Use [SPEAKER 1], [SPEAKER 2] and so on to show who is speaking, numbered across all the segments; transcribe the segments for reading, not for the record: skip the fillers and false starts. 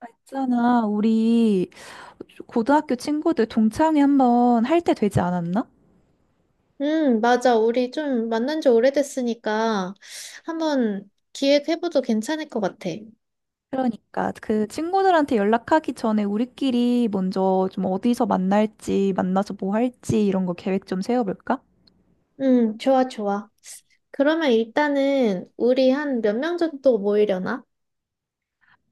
[SPEAKER 1] 아, 있잖아, 우리 고등학교 친구들 동창회 한번 할 때 되지 않았나?
[SPEAKER 2] 맞아. 우리 좀 만난 지 오래됐으니까 한번 기획해봐도 괜찮을 것 같아.
[SPEAKER 1] 그러니까 그 친구들한테 연락하기 전에 우리끼리 먼저 좀 어디서 만날지, 만나서 뭐 할지 이런 거 계획 좀 세워볼까?
[SPEAKER 2] 좋아, 좋아. 그러면 일단은 우리 한 몇 명 정도 모이려나?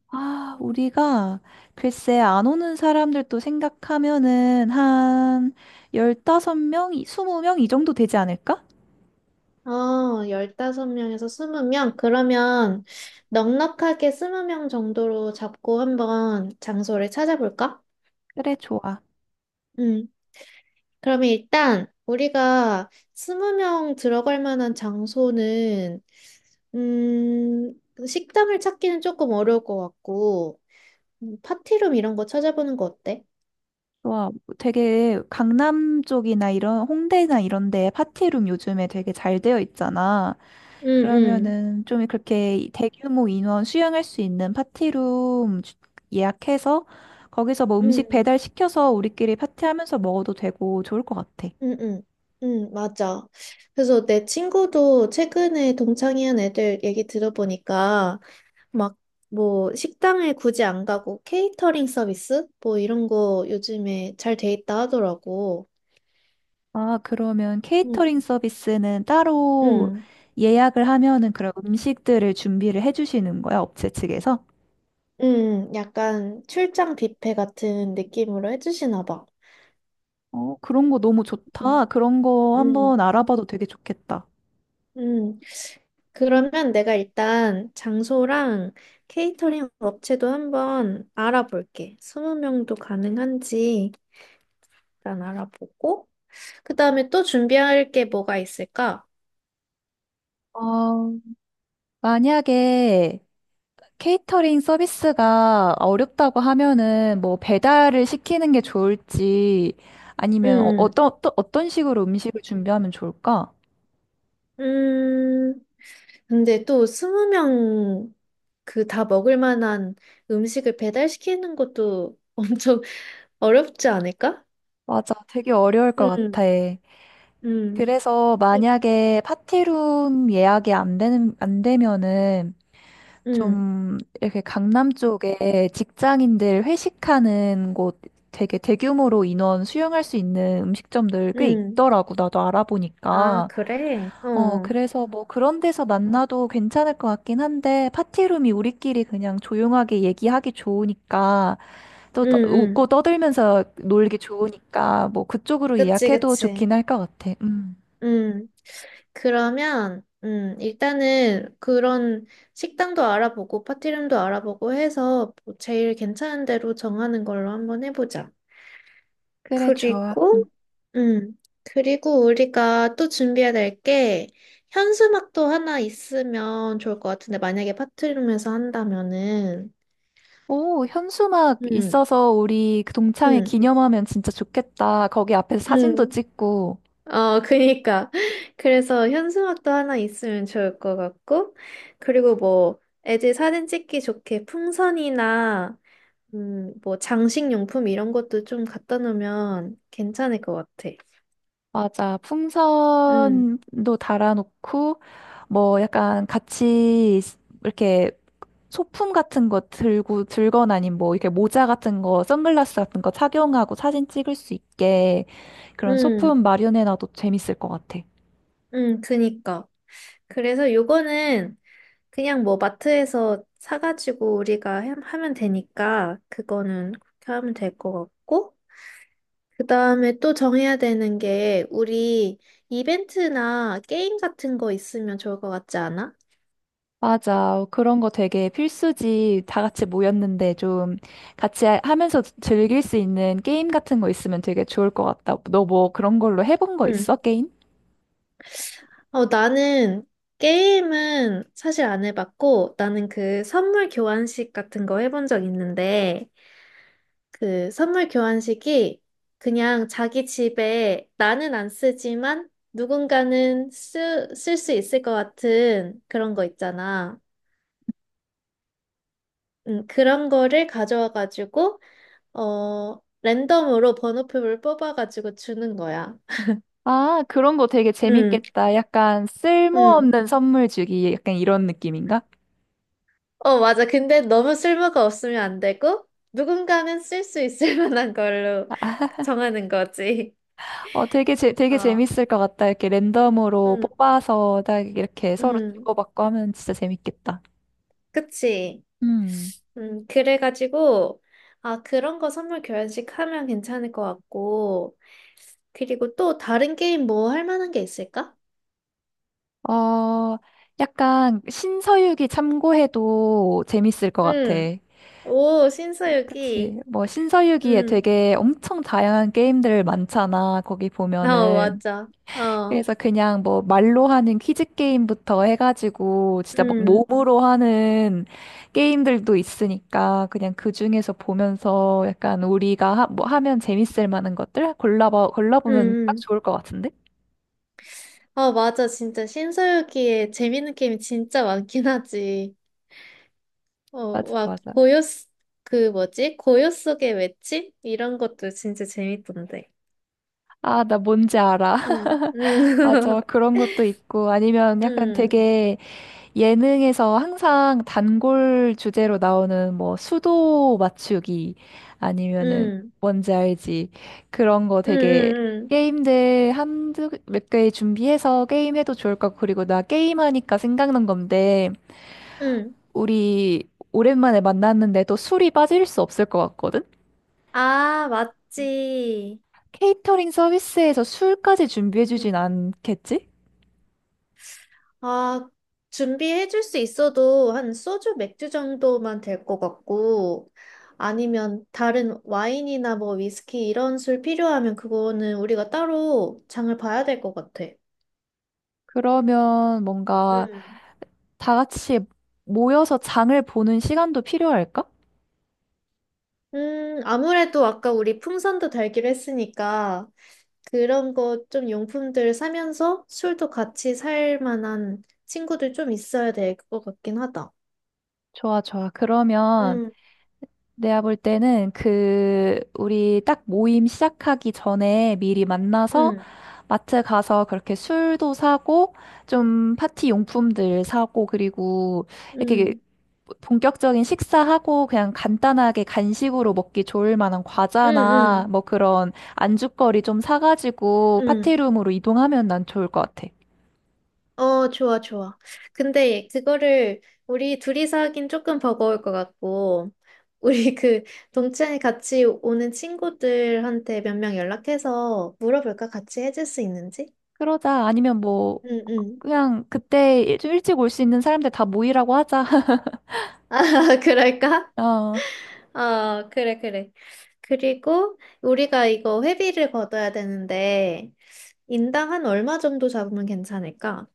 [SPEAKER 1] 아, 우리가 글쎄 안 오는 사람들도 생각하면은 한 15명, 20명 이 정도 되지 않을까?
[SPEAKER 2] 어, 15명에서 20명? 그러면 넉넉하게 20명 정도로 잡고 한번 장소를 찾아볼까?
[SPEAKER 1] 그래, 좋아.
[SPEAKER 2] 음, 그러면 일단 우리가 20명 들어갈 만한 장소는 그 식당을 찾기는 조금 어려울 것 같고, 파티룸 이런 거 찾아보는 거 어때?
[SPEAKER 1] 와, 되게 강남 쪽이나 이런 홍대나 이런 데 파티룸 요즘에 되게 잘 되어 있잖아.
[SPEAKER 2] 응, 응,
[SPEAKER 1] 그러면은 좀 그렇게 대규모 인원 수용할 수 있는 파티룸 예약해서 거기서 뭐 음식
[SPEAKER 2] 응,
[SPEAKER 1] 배달 시켜서 우리끼리 파티하면서 먹어도 되고 좋을 것 같아.
[SPEAKER 2] 응, 응, 응, 맞아. 그래서 내 친구도 최근에 동창회한 애들 얘기 들어보니까, 막, 뭐, 식당에 굳이 안 가고, 케이터링 서비스? 뭐, 이런 거 요즘에 잘 돼 있다 하더라고.
[SPEAKER 1] 아, 그러면 케이터링
[SPEAKER 2] 응,
[SPEAKER 1] 서비스는 따로
[SPEAKER 2] 응,
[SPEAKER 1] 예약을 하면은 그런 음식들을 준비를 해주시는 거야, 업체 측에서?
[SPEAKER 2] 응, 약간 출장 뷔페 같은 느낌으로 해주시나 봐.
[SPEAKER 1] 어, 그런 거 너무
[SPEAKER 2] 응,
[SPEAKER 1] 좋다. 그런 거
[SPEAKER 2] 응.
[SPEAKER 1] 한번 알아봐도 되게 좋겠다.
[SPEAKER 2] 응. 그러면 내가 일단 장소랑 케이터링 업체도 한번 알아볼게. 20명도 가능한지 일단 알아보고. 그 다음에 또 준비할 게 뭐가 있을까?
[SPEAKER 1] 어, 만약에 케이터링 서비스가 어렵다고 하면은 뭐 배달을 시키는 게 좋을지 아니면
[SPEAKER 2] 음,
[SPEAKER 1] 어떤 또 어떤 식으로 음식을 준비하면 좋을까?
[SPEAKER 2] 음, 근데 또 20명 그 다 먹을 만한 음식을 배달시키는 것도 엄청 어렵지 않을까?
[SPEAKER 1] 맞아, 되게 어려울 것 같아.
[SPEAKER 2] 음, 음,
[SPEAKER 1] 그래서
[SPEAKER 2] 이-
[SPEAKER 1] 만약에 파티룸 예약이 안 되면은
[SPEAKER 2] 음,
[SPEAKER 1] 좀 이렇게 강남 쪽에 직장인들 회식하는 곳 되게 대규모로 인원 수용할 수 있는 음식점들 꽤
[SPEAKER 2] 음.
[SPEAKER 1] 있더라고 나도
[SPEAKER 2] 아,
[SPEAKER 1] 알아보니까.
[SPEAKER 2] 그래? 어,
[SPEAKER 1] 어, 그래서 뭐 그런 데서 만나도 괜찮을 것 같긴 한데, 파티룸이 우리끼리 그냥 조용하게 얘기하기 좋으니까, 또 웃고
[SPEAKER 2] 음.
[SPEAKER 1] 떠들면서 놀기 좋으니까, 뭐 그쪽으로
[SPEAKER 2] 그치,
[SPEAKER 1] 예약해도
[SPEAKER 2] 그치.
[SPEAKER 1] 좋긴 할 것 같아. 음.
[SPEAKER 2] 음, 그러면, 일단은 그런 식당도 알아보고, 파티룸도 알아보고 해서 뭐 제일 괜찮은 대로 정하는 걸로 한번 해보자.
[SPEAKER 1] 그래, 좋아.
[SPEAKER 2] 그리고,
[SPEAKER 1] 응.
[SPEAKER 2] 음, 그리고 우리가 또 준비해야 될 게, 현수막도 하나 있으면 좋을 것 같은데, 만약에 파티룸에서 한다면은,
[SPEAKER 1] 오, 현수막
[SPEAKER 2] 음,
[SPEAKER 1] 있어서 우리 그 동창회
[SPEAKER 2] 음,
[SPEAKER 1] 기념하면 진짜 좋겠다. 거기 앞에서 사진도
[SPEAKER 2] 음.
[SPEAKER 1] 찍고,
[SPEAKER 2] 어, 그니까. 그래서 현수막도 하나 있으면 좋을 것 같고, 그리고 뭐, 애들 사진 찍기 좋게 풍선이나, 뭐, 장식용품 이런 것도 좀 갖다 놓으면 괜찮을 것 같아.
[SPEAKER 1] 맞아.
[SPEAKER 2] 음,
[SPEAKER 1] 풍선도 달아놓고, 뭐 약간 같이 이렇게 소품 같은 거 들고 들거나 아니면 뭐 이렇게 모자 같은 거, 선글라스 같은 거 착용하고 사진 찍을 수 있게 그런
[SPEAKER 2] 음,
[SPEAKER 1] 소품 마련해놔도 재밌을 것 같아.
[SPEAKER 2] 그니까. 그래서 요거는 그냥 뭐 마트에서 사가지고 우리가 하면 되니까, 그거는 그렇게 하면 될 것 같고, 그 다음에 또 정해야 되는 게, 우리 이벤트나 게임 같은 거 있으면 좋을 것 같지 않아?
[SPEAKER 1] 맞아. 그런 거 되게 필수지. 다 같이 모였는데 좀 같이 하면서 즐길 수 있는 게임 같은 거 있으면 되게 좋을 것 같다. 너 뭐 그런 걸로 해본 거
[SPEAKER 2] 응.
[SPEAKER 1] 있어? 게임?
[SPEAKER 2] 어, 나는 게임은 사실 안 해봤고, 나는 그 선물 교환식 같은 거 해본 적 있는데, 그 선물 교환식이 그냥 자기 집에 나는 안 쓰지만 누군가는 쓸 수 있을 것 같은 그런 거 있잖아. 그런 거를 가져와가지고, 어, 랜덤으로 번호표를 뽑아가지고 주는 거야.
[SPEAKER 1] 아, 그런 거 되게
[SPEAKER 2] 응,
[SPEAKER 1] 재밌겠다. 약간
[SPEAKER 2] 응.
[SPEAKER 1] 쓸모없는 선물 주기, 약간 이런 느낌인가?
[SPEAKER 2] 어, 맞아. 근데 너무 쓸모가 없으면 안 되고, 누군가는 쓸 수 있을 만한 걸로 정하는 거지.
[SPEAKER 1] 어, 되게
[SPEAKER 2] 어,
[SPEAKER 1] 재밌을 것 같다. 이렇게 랜덤으로
[SPEAKER 2] 응,
[SPEAKER 1] 뽑아서 딱 이렇게 서로
[SPEAKER 2] 응.
[SPEAKER 1] 주고받고 하면 진짜 재밌겠다.
[SPEAKER 2] 그치.
[SPEAKER 1] 음.
[SPEAKER 2] 응, 그래가지고, 아, 그런 거 선물 교환식 하면 괜찮을 것 같고, 그리고 또 다른 게임 뭐 할 만한 게 있을까?
[SPEAKER 1] 어, 약간 신서유기 참고해도 재밌을 것 같아.
[SPEAKER 2] 응, 오, 신서유기.
[SPEAKER 1] 그치. 뭐 신서유기에
[SPEAKER 2] 응,
[SPEAKER 1] 되게 엄청 다양한 게임들 많잖아. 거기
[SPEAKER 2] 어,
[SPEAKER 1] 보면은.
[SPEAKER 2] 맞아. 어.
[SPEAKER 1] 그래서 그냥 뭐 말로 하는 퀴즈 게임부터 해가지고 진짜 막
[SPEAKER 2] 음,
[SPEAKER 1] 몸으로 하는 게임들도 있으니까 그냥 그 중에서 보면서 약간 우리가 뭐 하면 재밌을 만한 것들 골라봐
[SPEAKER 2] 음,
[SPEAKER 1] 골라보면 딱
[SPEAKER 2] 음.
[SPEAKER 1] 좋을 것 같은데?
[SPEAKER 2] 아, 맞아. 진짜 신서유기에 재밌는 게임이 진짜 많긴 하지. 어,
[SPEAKER 1] 맞아,
[SPEAKER 2] 막
[SPEAKER 1] 맞아.
[SPEAKER 2] 고요, 그 뭐지? 고요 속의 외침? 이런 것도 진짜 재밌던데.
[SPEAKER 1] 아, 나 뭔지 알아.
[SPEAKER 2] 응 응
[SPEAKER 1] 맞아. 그런 것도 있고 아니면 약간
[SPEAKER 2] 응
[SPEAKER 1] 되게 예능에서 항상 단골 주제로 나오는 뭐 수도 맞추기 아니면은
[SPEAKER 2] 응
[SPEAKER 1] 뭔지 알지? 그런 거
[SPEAKER 2] 응 응
[SPEAKER 1] 되게
[SPEAKER 2] 응
[SPEAKER 1] 게임들 한두 몇 개 준비해서 게임해도 좋을 것 같고 그리고 나 게임하니까 생각난 건데
[SPEAKER 2] 응
[SPEAKER 1] 우리 오랜만에 만났는데 또 술이 빠질 수 없을 것 같거든?
[SPEAKER 2] 아, 맞지.
[SPEAKER 1] 케이터링 서비스에서 술까지
[SPEAKER 2] 응.
[SPEAKER 1] 준비해주진 않겠지?
[SPEAKER 2] 아, 준비해 줄 수 있어도 한 소주, 맥주 정도만 될 것 같고, 아니면 다른 와인이나 뭐 위스키 이런 술 필요하면 그거는 우리가 따로 장을 봐야 될 것 같아.
[SPEAKER 1] 그러면 뭔가
[SPEAKER 2] 음.
[SPEAKER 1] 다 같이 모여서 장을 보는 시간도 필요할까?
[SPEAKER 2] 아무래도 아까 우리 풍선도 달기로 했으니까 그런 거 좀 용품들 사면서 술도 같이 살 만한 친구들 좀 있어야 될 것 같긴 하다.
[SPEAKER 1] 좋아, 좋아. 그러면
[SPEAKER 2] 음.
[SPEAKER 1] 내가 볼 때는 그, 우리 딱 모임 시작하기 전에 미리 만나서
[SPEAKER 2] 음
[SPEAKER 1] 마트 가서 그렇게 술도 사고, 좀 파티 용품들 사고, 그리고 이렇게
[SPEAKER 2] 음
[SPEAKER 1] 본격적인 식사하고 그냥 간단하게 간식으로 먹기 좋을 만한
[SPEAKER 2] 음
[SPEAKER 1] 과자나
[SPEAKER 2] 음
[SPEAKER 1] 뭐 그런 안주거리 좀 사가지고
[SPEAKER 2] 음
[SPEAKER 1] 파티룸으로 이동하면 난 좋을 것 같아.
[SPEAKER 2] 어, 좋아, 좋아. 근데 그거를 우리 둘이서 하긴 조금 버거울 것 같고, 우리 그 동창회 같이 오는 친구들한테 몇 명 연락해서 물어볼까? 같이 해줄 수 있는지?
[SPEAKER 1] 그러자. 아니면 뭐,
[SPEAKER 2] 응, 응.
[SPEAKER 1] 그냥 그때 좀 일찍 올 수 있는 사람들 다 모이라고 하자.
[SPEAKER 2] 아, 그럴까?
[SPEAKER 1] 어.
[SPEAKER 2] 어, 그래, 그래. 그리고 우리가 이거 회비를 걷어야 되는데, 인당 한 얼마 정도 잡으면 괜찮을까?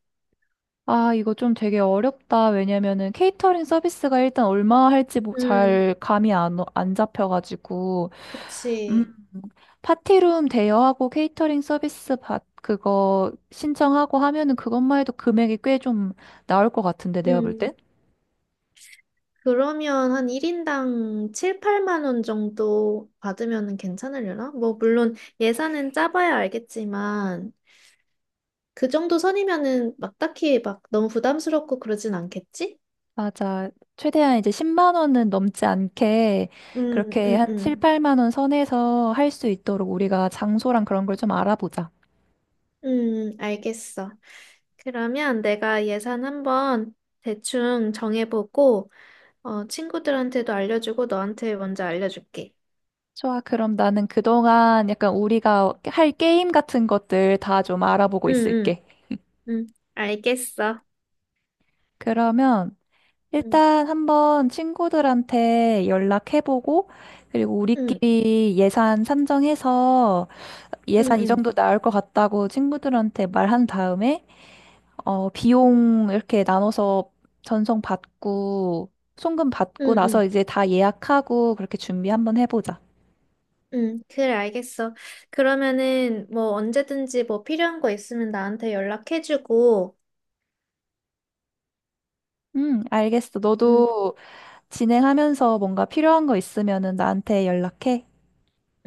[SPEAKER 1] 아, 이거 좀 되게 어렵다. 왜냐면은 케이터링 서비스가 일단 얼마 할지 뭐
[SPEAKER 2] 음,
[SPEAKER 1] 잘 감이 안 잡혀가지고. 음,
[SPEAKER 2] 그치.
[SPEAKER 1] 파티룸 대여하고 케이터링 서비스 그거 신청하고 하면은 그것만 해도 금액이 꽤 좀 나올 것 같은데, 내가 볼 땐?
[SPEAKER 2] 음. 그러면 한 1인당 7, 8만 원 정도 받으면 괜찮으려나? 뭐, 물론 예산은 짜봐야 알겠지만, 그 정도 선이면은 막 딱히 막 너무 부담스럽고 그러진 않겠지?
[SPEAKER 1] 맞아. 최대한 이제 10만 원은 넘지 않게
[SPEAKER 2] 음,
[SPEAKER 1] 그렇게
[SPEAKER 2] 음,
[SPEAKER 1] 한 7,
[SPEAKER 2] 음.
[SPEAKER 1] 8만 원 선에서 할 수 있도록 우리가 장소랑 그런 걸 좀 알아보자.
[SPEAKER 2] 알겠어. 그러면 내가 예산 한번 대충 정해보고, 어, 친구들한테도 알려주고 너한테 먼저 알려줄게.
[SPEAKER 1] 좋아, 그럼 나는 그동안 약간 우리가 할 게임 같은 것들 다 좀 알아보고
[SPEAKER 2] 응, 응,
[SPEAKER 1] 있을게.
[SPEAKER 2] 응. 알겠어.
[SPEAKER 1] 그러면
[SPEAKER 2] 응,
[SPEAKER 1] 일단 한번 친구들한테 연락해보고, 그리고
[SPEAKER 2] 응,
[SPEAKER 1] 우리끼리 예산 산정해서
[SPEAKER 2] 응,
[SPEAKER 1] 예산 이
[SPEAKER 2] 응,
[SPEAKER 1] 정도 나올 것 같다고 친구들한테 말한 다음에, 어, 비용 이렇게 나눠서 전송 받고, 송금 받고
[SPEAKER 2] 응,
[SPEAKER 1] 나서
[SPEAKER 2] 응.
[SPEAKER 1] 이제 다 예약하고 그렇게 준비 한번 해보자.
[SPEAKER 2] 응, 그래, 알겠어. 그러면은, 뭐, 언제든지 뭐 필요한 거 있으면 나한테 연락해주고,
[SPEAKER 1] 응, 알겠어.
[SPEAKER 2] 응,
[SPEAKER 1] 너도 진행하면서 뭔가 필요한 거 있으면은 나한테 연락해.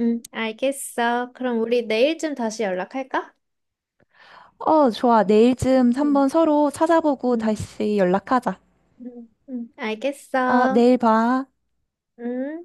[SPEAKER 2] 응, 알겠어. 그럼 우리 내일쯤 다시 연락할까?
[SPEAKER 1] 어, 좋아. 내일쯤
[SPEAKER 2] 응,
[SPEAKER 1] 한번 서로 찾아보고
[SPEAKER 2] 응,
[SPEAKER 1] 다시 연락하자.
[SPEAKER 2] 응, 응,
[SPEAKER 1] 아,
[SPEAKER 2] 알겠어.
[SPEAKER 1] 내일 봐.
[SPEAKER 2] 응.